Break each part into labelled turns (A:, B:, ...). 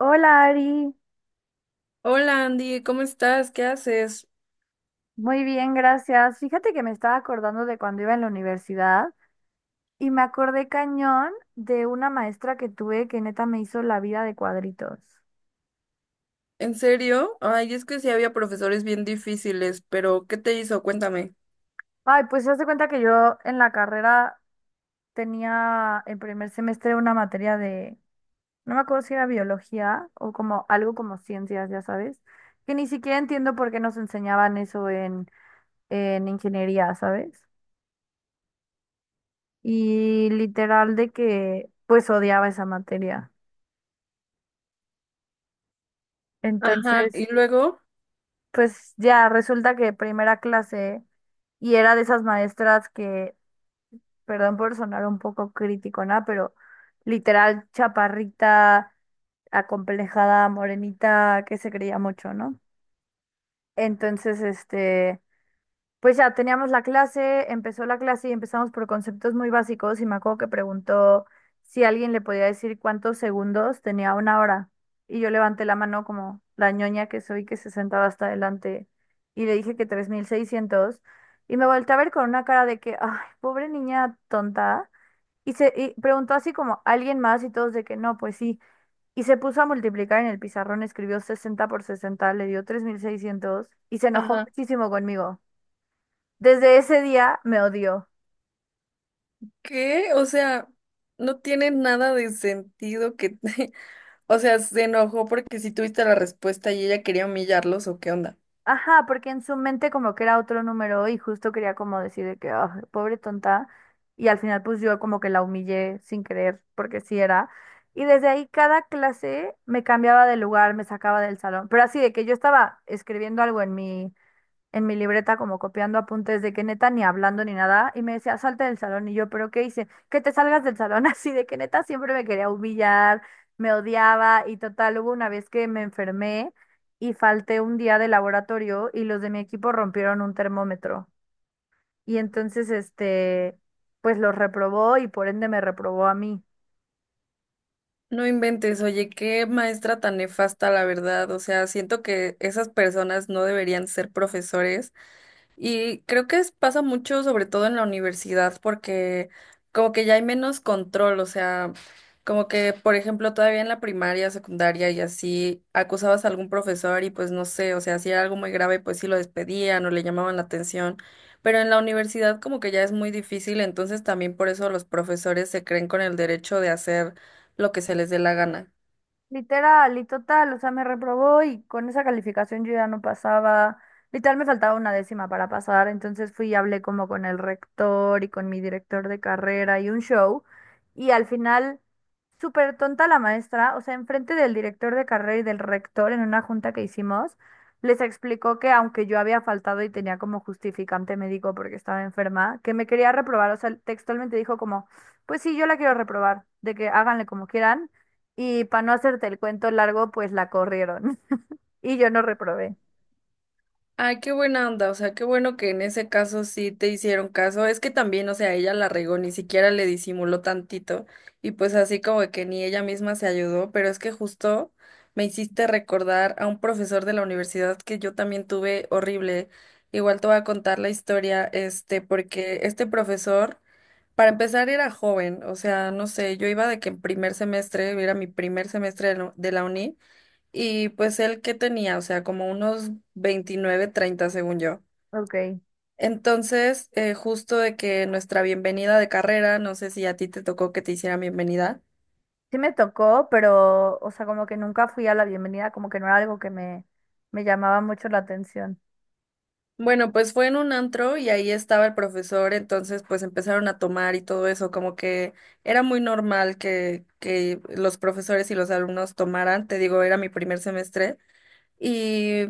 A: Hola Ari,
B: Hola Andy, ¿cómo estás? ¿Qué haces?
A: muy bien, gracias. Fíjate que me estaba acordando de cuando iba en la universidad y me acordé cañón de una maestra que tuve que neta me hizo la vida de cuadritos.
B: ¿En serio? Ay, es que sí había profesores bien difíciles, pero ¿qué te hizo? Cuéntame.
A: Ay, pues se hace cuenta que yo en la carrera tenía en primer semestre una materia de, no me acuerdo si era biología o como algo como ciencias, ya sabes, que ni siquiera entiendo por qué nos enseñaban eso en ingeniería, ¿sabes? Y literal de que pues odiaba esa materia.
B: Ajá,
A: Entonces,
B: y luego,
A: pues ya resulta que primera clase y era de esas maestras que, perdón por sonar un poco crítico, ¿no? Pero literal chaparrita, acomplejada, morenita, que se creía mucho, ¿no? Entonces, este, pues ya teníamos la clase, empezó la clase y empezamos por conceptos muy básicos y me acuerdo que preguntó si alguien le podía decir cuántos segundos tenía una hora. Y yo levanté la mano como la ñoña que soy que se sentaba hasta adelante y le dije que 3600 y me volteé a ver con una cara de que, ay, pobre niña tonta. Y preguntó así como alguien más y todos de que no, pues sí. Y se puso a multiplicar en el pizarrón, escribió 60 por 60 le dio 3600 y se enojó
B: ajá,
A: muchísimo conmigo. Desde ese día me odió.
B: ¿qué? O sea, no tiene nada de sentido que, o sea, se enojó porque si tuviste la respuesta y ella quería humillarlos o qué onda.
A: Ajá, porque en su mente como que era otro número y justo quería como decir de que, "Ah, pobre tonta". Y al final pues yo como que la humillé sin querer, porque sí era. Y desde ahí cada clase me cambiaba de lugar, me sacaba del salón. Pero así de que yo estaba escribiendo algo en mi libreta como copiando apuntes de que neta ni hablando ni nada y me decía, salte del salón y yo, pero ¿qué hice? Que te salgas del salón así de que neta siempre me quería humillar, me odiaba y total, hubo una vez que me enfermé y falté un día de laboratorio y los de mi equipo rompieron un termómetro y entonces este, pues los reprobó y por ende me reprobó a mí.
B: No inventes, oye, qué maestra tan nefasta, la verdad. O sea, siento que esas personas no deberían ser profesores. Y creo que pasa mucho, sobre todo en la universidad, porque como que ya hay menos control, o sea, como que, por ejemplo, todavía en la primaria, secundaria y así, acusabas a algún profesor y pues no sé, o sea, si era algo muy grave, pues sí lo despedían o le llamaban la atención, pero en la universidad como que ya es muy difícil, entonces también por eso los profesores se creen con el derecho de hacer lo que se les dé la gana.
A: Literal y total, o sea, me reprobó y con esa calificación yo ya no pasaba, literal me faltaba una décima para pasar, entonces fui y hablé como con el rector y con mi director de carrera y un show y al final, súper tonta la maestra, o sea, enfrente del director de carrera y del rector en una junta que hicimos, les explicó que aunque yo había faltado y tenía como justificante médico porque estaba enferma, que me quería reprobar, o sea, textualmente dijo como, pues sí, yo la quiero reprobar, de que háganle como quieran y para no hacerte el cuento largo, pues la corrieron. Y yo no reprobé.
B: Ay, qué buena onda, o sea, qué bueno que en ese caso sí te hicieron caso. Es que también, o sea, ella la regó, ni siquiera le disimuló tantito y pues así como que ni ella misma se ayudó, pero es que justo me hiciste recordar a un profesor de la universidad que yo también tuve horrible. Igual te voy a contar la historia, porque este profesor, para empezar, era joven, o sea, no sé, yo iba de que en primer semestre, era mi primer semestre de la uni. Y pues él que tenía, o sea, como unos 29 30 según yo.
A: Ok.
B: Entonces, justo de que nuestra bienvenida de carrera, no sé si a ti te tocó que te hicieran bienvenida.
A: Sí me tocó, pero, o sea, como que nunca fui a la bienvenida, como que no era algo que me llamaba mucho la atención.
B: Bueno, pues fue en un antro y ahí estaba el profesor, entonces pues empezaron a tomar y todo eso, como que era muy normal que los profesores y los alumnos tomaran, te digo, era mi primer semestre. Y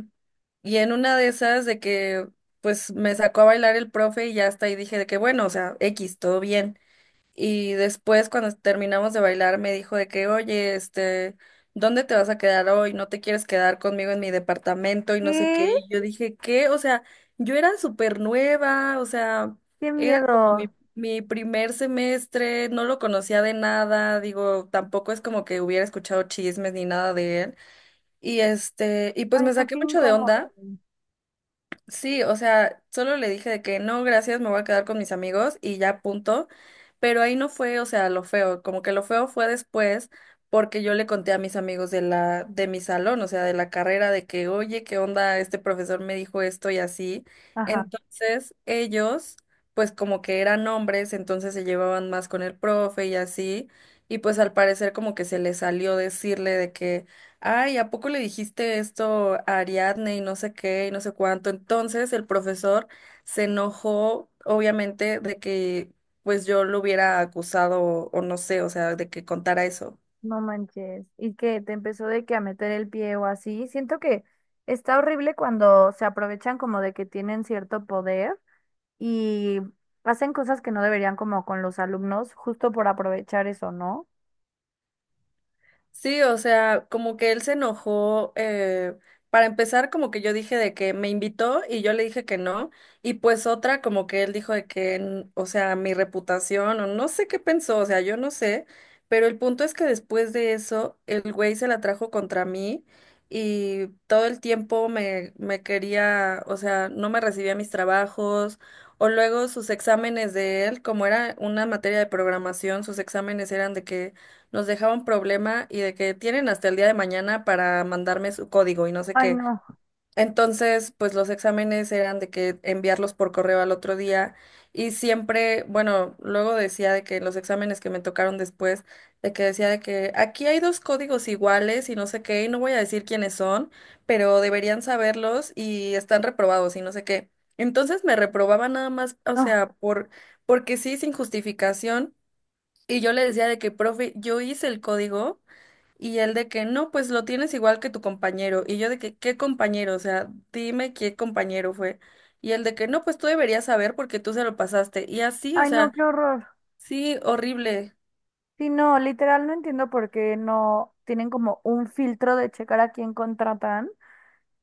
B: y en una de esas de que pues me sacó a bailar el profe y ya hasta ahí dije de que bueno, o sea, X, todo bien. Y después, cuando terminamos de bailar, me dijo de que, oye, ¿dónde te vas a quedar hoy? ¿No te quieres quedar conmigo en mi departamento? Y no sé
A: ¿Qué?
B: qué. Y yo dije, ¿qué? O sea, yo era súper nueva, o sea,
A: ¡Qué
B: era como mi,
A: miedo!
B: mi primer semestre, no lo conocía de nada, digo, tampoco es como que hubiera escuchado chismes ni nada de él. Y pues
A: Ay,
B: me
A: no,
B: saqué
A: qué
B: mucho de
A: incómodo.
B: onda. Sí, o sea, solo le dije de que no, gracias, me voy a quedar con mis amigos y ya punto. Pero ahí no fue, o sea, lo feo, como que lo feo fue después porque yo le conté a mis amigos de la de mi salón, o sea, de la carrera de que, "Oye, ¿qué onda? Este profesor me dijo esto y así."
A: Ajá,
B: Entonces, ellos pues como que eran hombres, entonces se llevaban más con el profe y así, y pues al parecer como que se les salió decirle de que ay, ¿a poco le dijiste esto a Ariadne y no sé qué y no sé cuánto? Entonces el profesor se enojó, obviamente, de que pues yo lo hubiera acusado o no sé, o sea, de que contara eso.
A: no manches. Y que te empezó de que a meter el pie o así. Siento que está horrible cuando se aprovechan como de que tienen cierto poder y hacen cosas que no deberían como con los alumnos, justo por aprovechar eso, ¿no?
B: Sí, o sea, como que él se enojó, para empezar, como que yo dije de que me invitó y yo le dije que no, y pues otra, como que él dijo de que, o sea, mi reputación, o no sé qué pensó, o sea, yo no sé, pero el punto es que después de eso, el güey se la trajo contra mí y todo el tiempo me quería, o sea, no me recibía mis trabajos. O luego sus exámenes de él, como era una materia de programación, sus exámenes eran de que nos dejaba un problema y de que tienen hasta el día de mañana para mandarme su código y no sé
A: Ay,
B: qué.
A: no,
B: Entonces, pues los exámenes eran de que enviarlos por correo al otro día y siempre, bueno, luego decía de que los exámenes que me tocaron después, de que decía de que aquí hay dos códigos iguales y no sé qué, y no voy a decir quiénes son, pero deberían saberlos y están reprobados y no sé qué. Entonces me reprobaba nada más, o
A: no,
B: sea, por, porque sí, sin justificación. Y yo le decía de que, profe, yo hice el código y él de que, no, pues lo tienes igual que tu compañero. Y yo de que, ¿qué compañero? O sea, dime qué compañero fue. Y él de que, no, pues tú deberías saber porque tú se lo pasaste. Y así, o
A: ay, no,
B: sea,
A: qué horror.
B: sí, horrible.
A: Sí, no, literal no entiendo por qué no tienen como un filtro de checar a quién contratan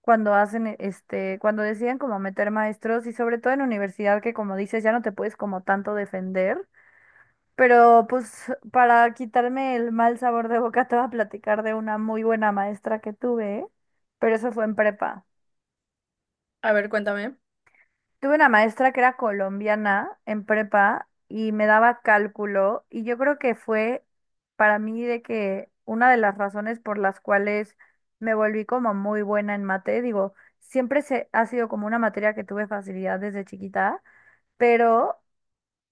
A: cuando hacen, este, cuando deciden como meter maestros y sobre todo en universidad que como dices ya no te puedes como tanto defender. Pero pues para quitarme el mal sabor de boca te voy a platicar de una muy buena maestra que tuve, pero eso fue en prepa.
B: A ver, cuéntame.
A: Tuve una maestra que era colombiana en prepa y me daba cálculo y yo creo que fue para mí de que una de las razones por las cuales me volví como muy buena en mate, digo, siempre ha sido como una materia que tuve facilidad desde chiquita, pero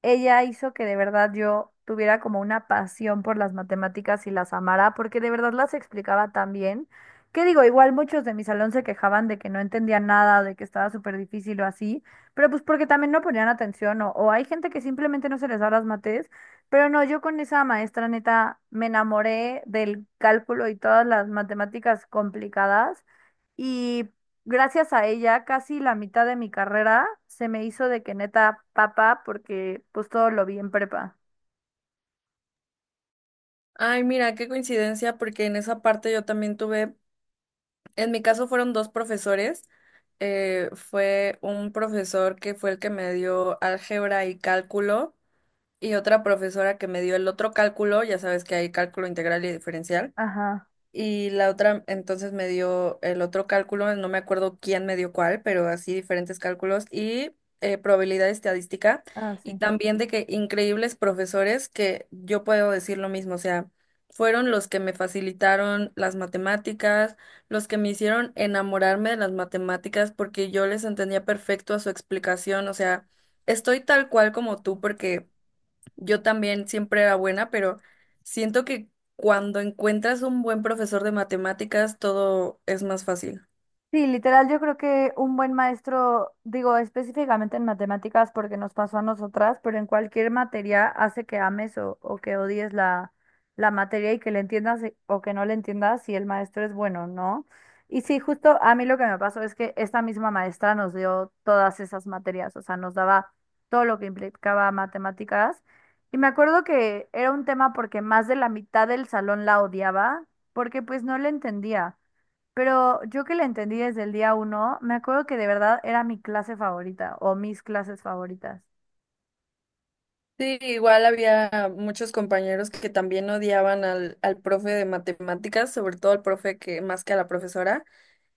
A: ella hizo que de verdad yo tuviera como una pasión por las matemáticas y las amara, porque de verdad las explicaba tan bien. Que digo, igual muchos de mi salón se quejaban de que no entendían nada, de que estaba súper difícil o así, pero pues porque también no ponían atención o hay gente que simplemente no se les da las mates, pero no, yo con esa maestra neta me enamoré del cálculo y todas las matemáticas complicadas gracias a ella, casi la mitad de mi carrera se me hizo de que neta papa porque pues todo lo vi en prepa.
B: Ay, mira, qué coincidencia, porque en esa parte yo también tuve, en mi caso fueron dos profesores. Fue un profesor que fue el que me dio álgebra y cálculo y otra profesora que me dio el otro cálculo, ya sabes que hay cálculo integral y diferencial,
A: Ajá,
B: y la otra entonces me dio el otro cálculo, no me acuerdo quién me dio cuál, pero así diferentes cálculos y probabilidad estadística, y
A: así.
B: también de que increíbles profesores que yo puedo decir lo mismo, o sea, fueron los que me facilitaron las matemáticas, los que me hicieron enamorarme de las matemáticas porque yo les entendía perfecto a su explicación, o sea, estoy tal cual como tú porque... Yo también siempre era buena, pero siento que cuando encuentras un buen profesor de matemáticas, todo es más fácil.
A: Sí, literal, yo creo que un buen maestro, digo específicamente en matemáticas porque nos pasó a nosotras, pero en cualquier materia hace que ames o que odies la materia y que le entiendas o que no le entiendas si el maestro es bueno, ¿no? Y sí, justo a mí lo que me pasó es que esta misma maestra nos dio todas esas materias, o sea, nos daba todo lo que implicaba matemáticas. Y me acuerdo que era un tema porque más de la mitad del salón la odiaba porque pues no le entendía. Pero yo que la entendí desde el día uno, me acuerdo que de verdad era mi clase favorita o mis clases favoritas.
B: Sí, igual había muchos compañeros que también odiaban al profe de matemáticas, sobre todo al profe que más que a la profesora.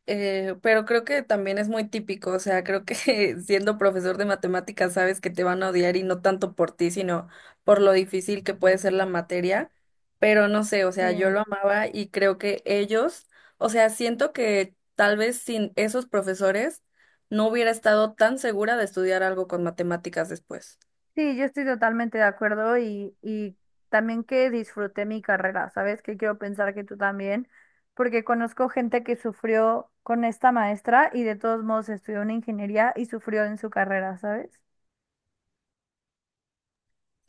B: Pero creo que también es muy típico, o sea, creo que siendo profesor de matemáticas sabes que te van a odiar y no tanto por ti, sino por lo difícil que puede ser la materia, pero no sé, o sea, yo
A: Sí,
B: lo amaba y creo que ellos, o sea, siento que tal vez sin esos profesores no hubiera estado tan segura de estudiar algo con matemáticas después.
A: sí, yo estoy totalmente de acuerdo y también que disfruté mi carrera, ¿sabes? Que quiero pensar que tú también, porque conozco gente que sufrió con esta maestra y de todos modos estudió una ingeniería y sufrió en su carrera, ¿sabes?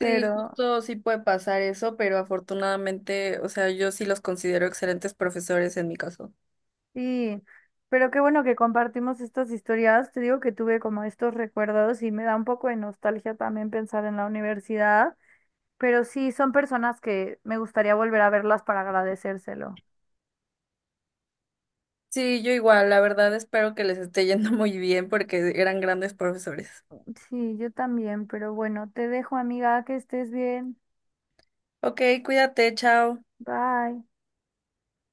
B: Sí, justo sí puede pasar eso, pero afortunadamente, o sea, yo sí los considero excelentes profesores en mi caso.
A: sí, pero qué bueno que compartimos estas historias. Te digo que tuve como estos recuerdos y me da un poco de nostalgia también pensar en la universidad. Pero sí, son personas que me gustaría volver a verlas para agradecérselo.
B: Sí, yo igual, la verdad espero que les esté yendo muy bien porque eran grandes profesores.
A: Sí, yo también, pero bueno, te dejo, amiga, que estés bien.
B: Ok, cuídate, chao.
A: Bye.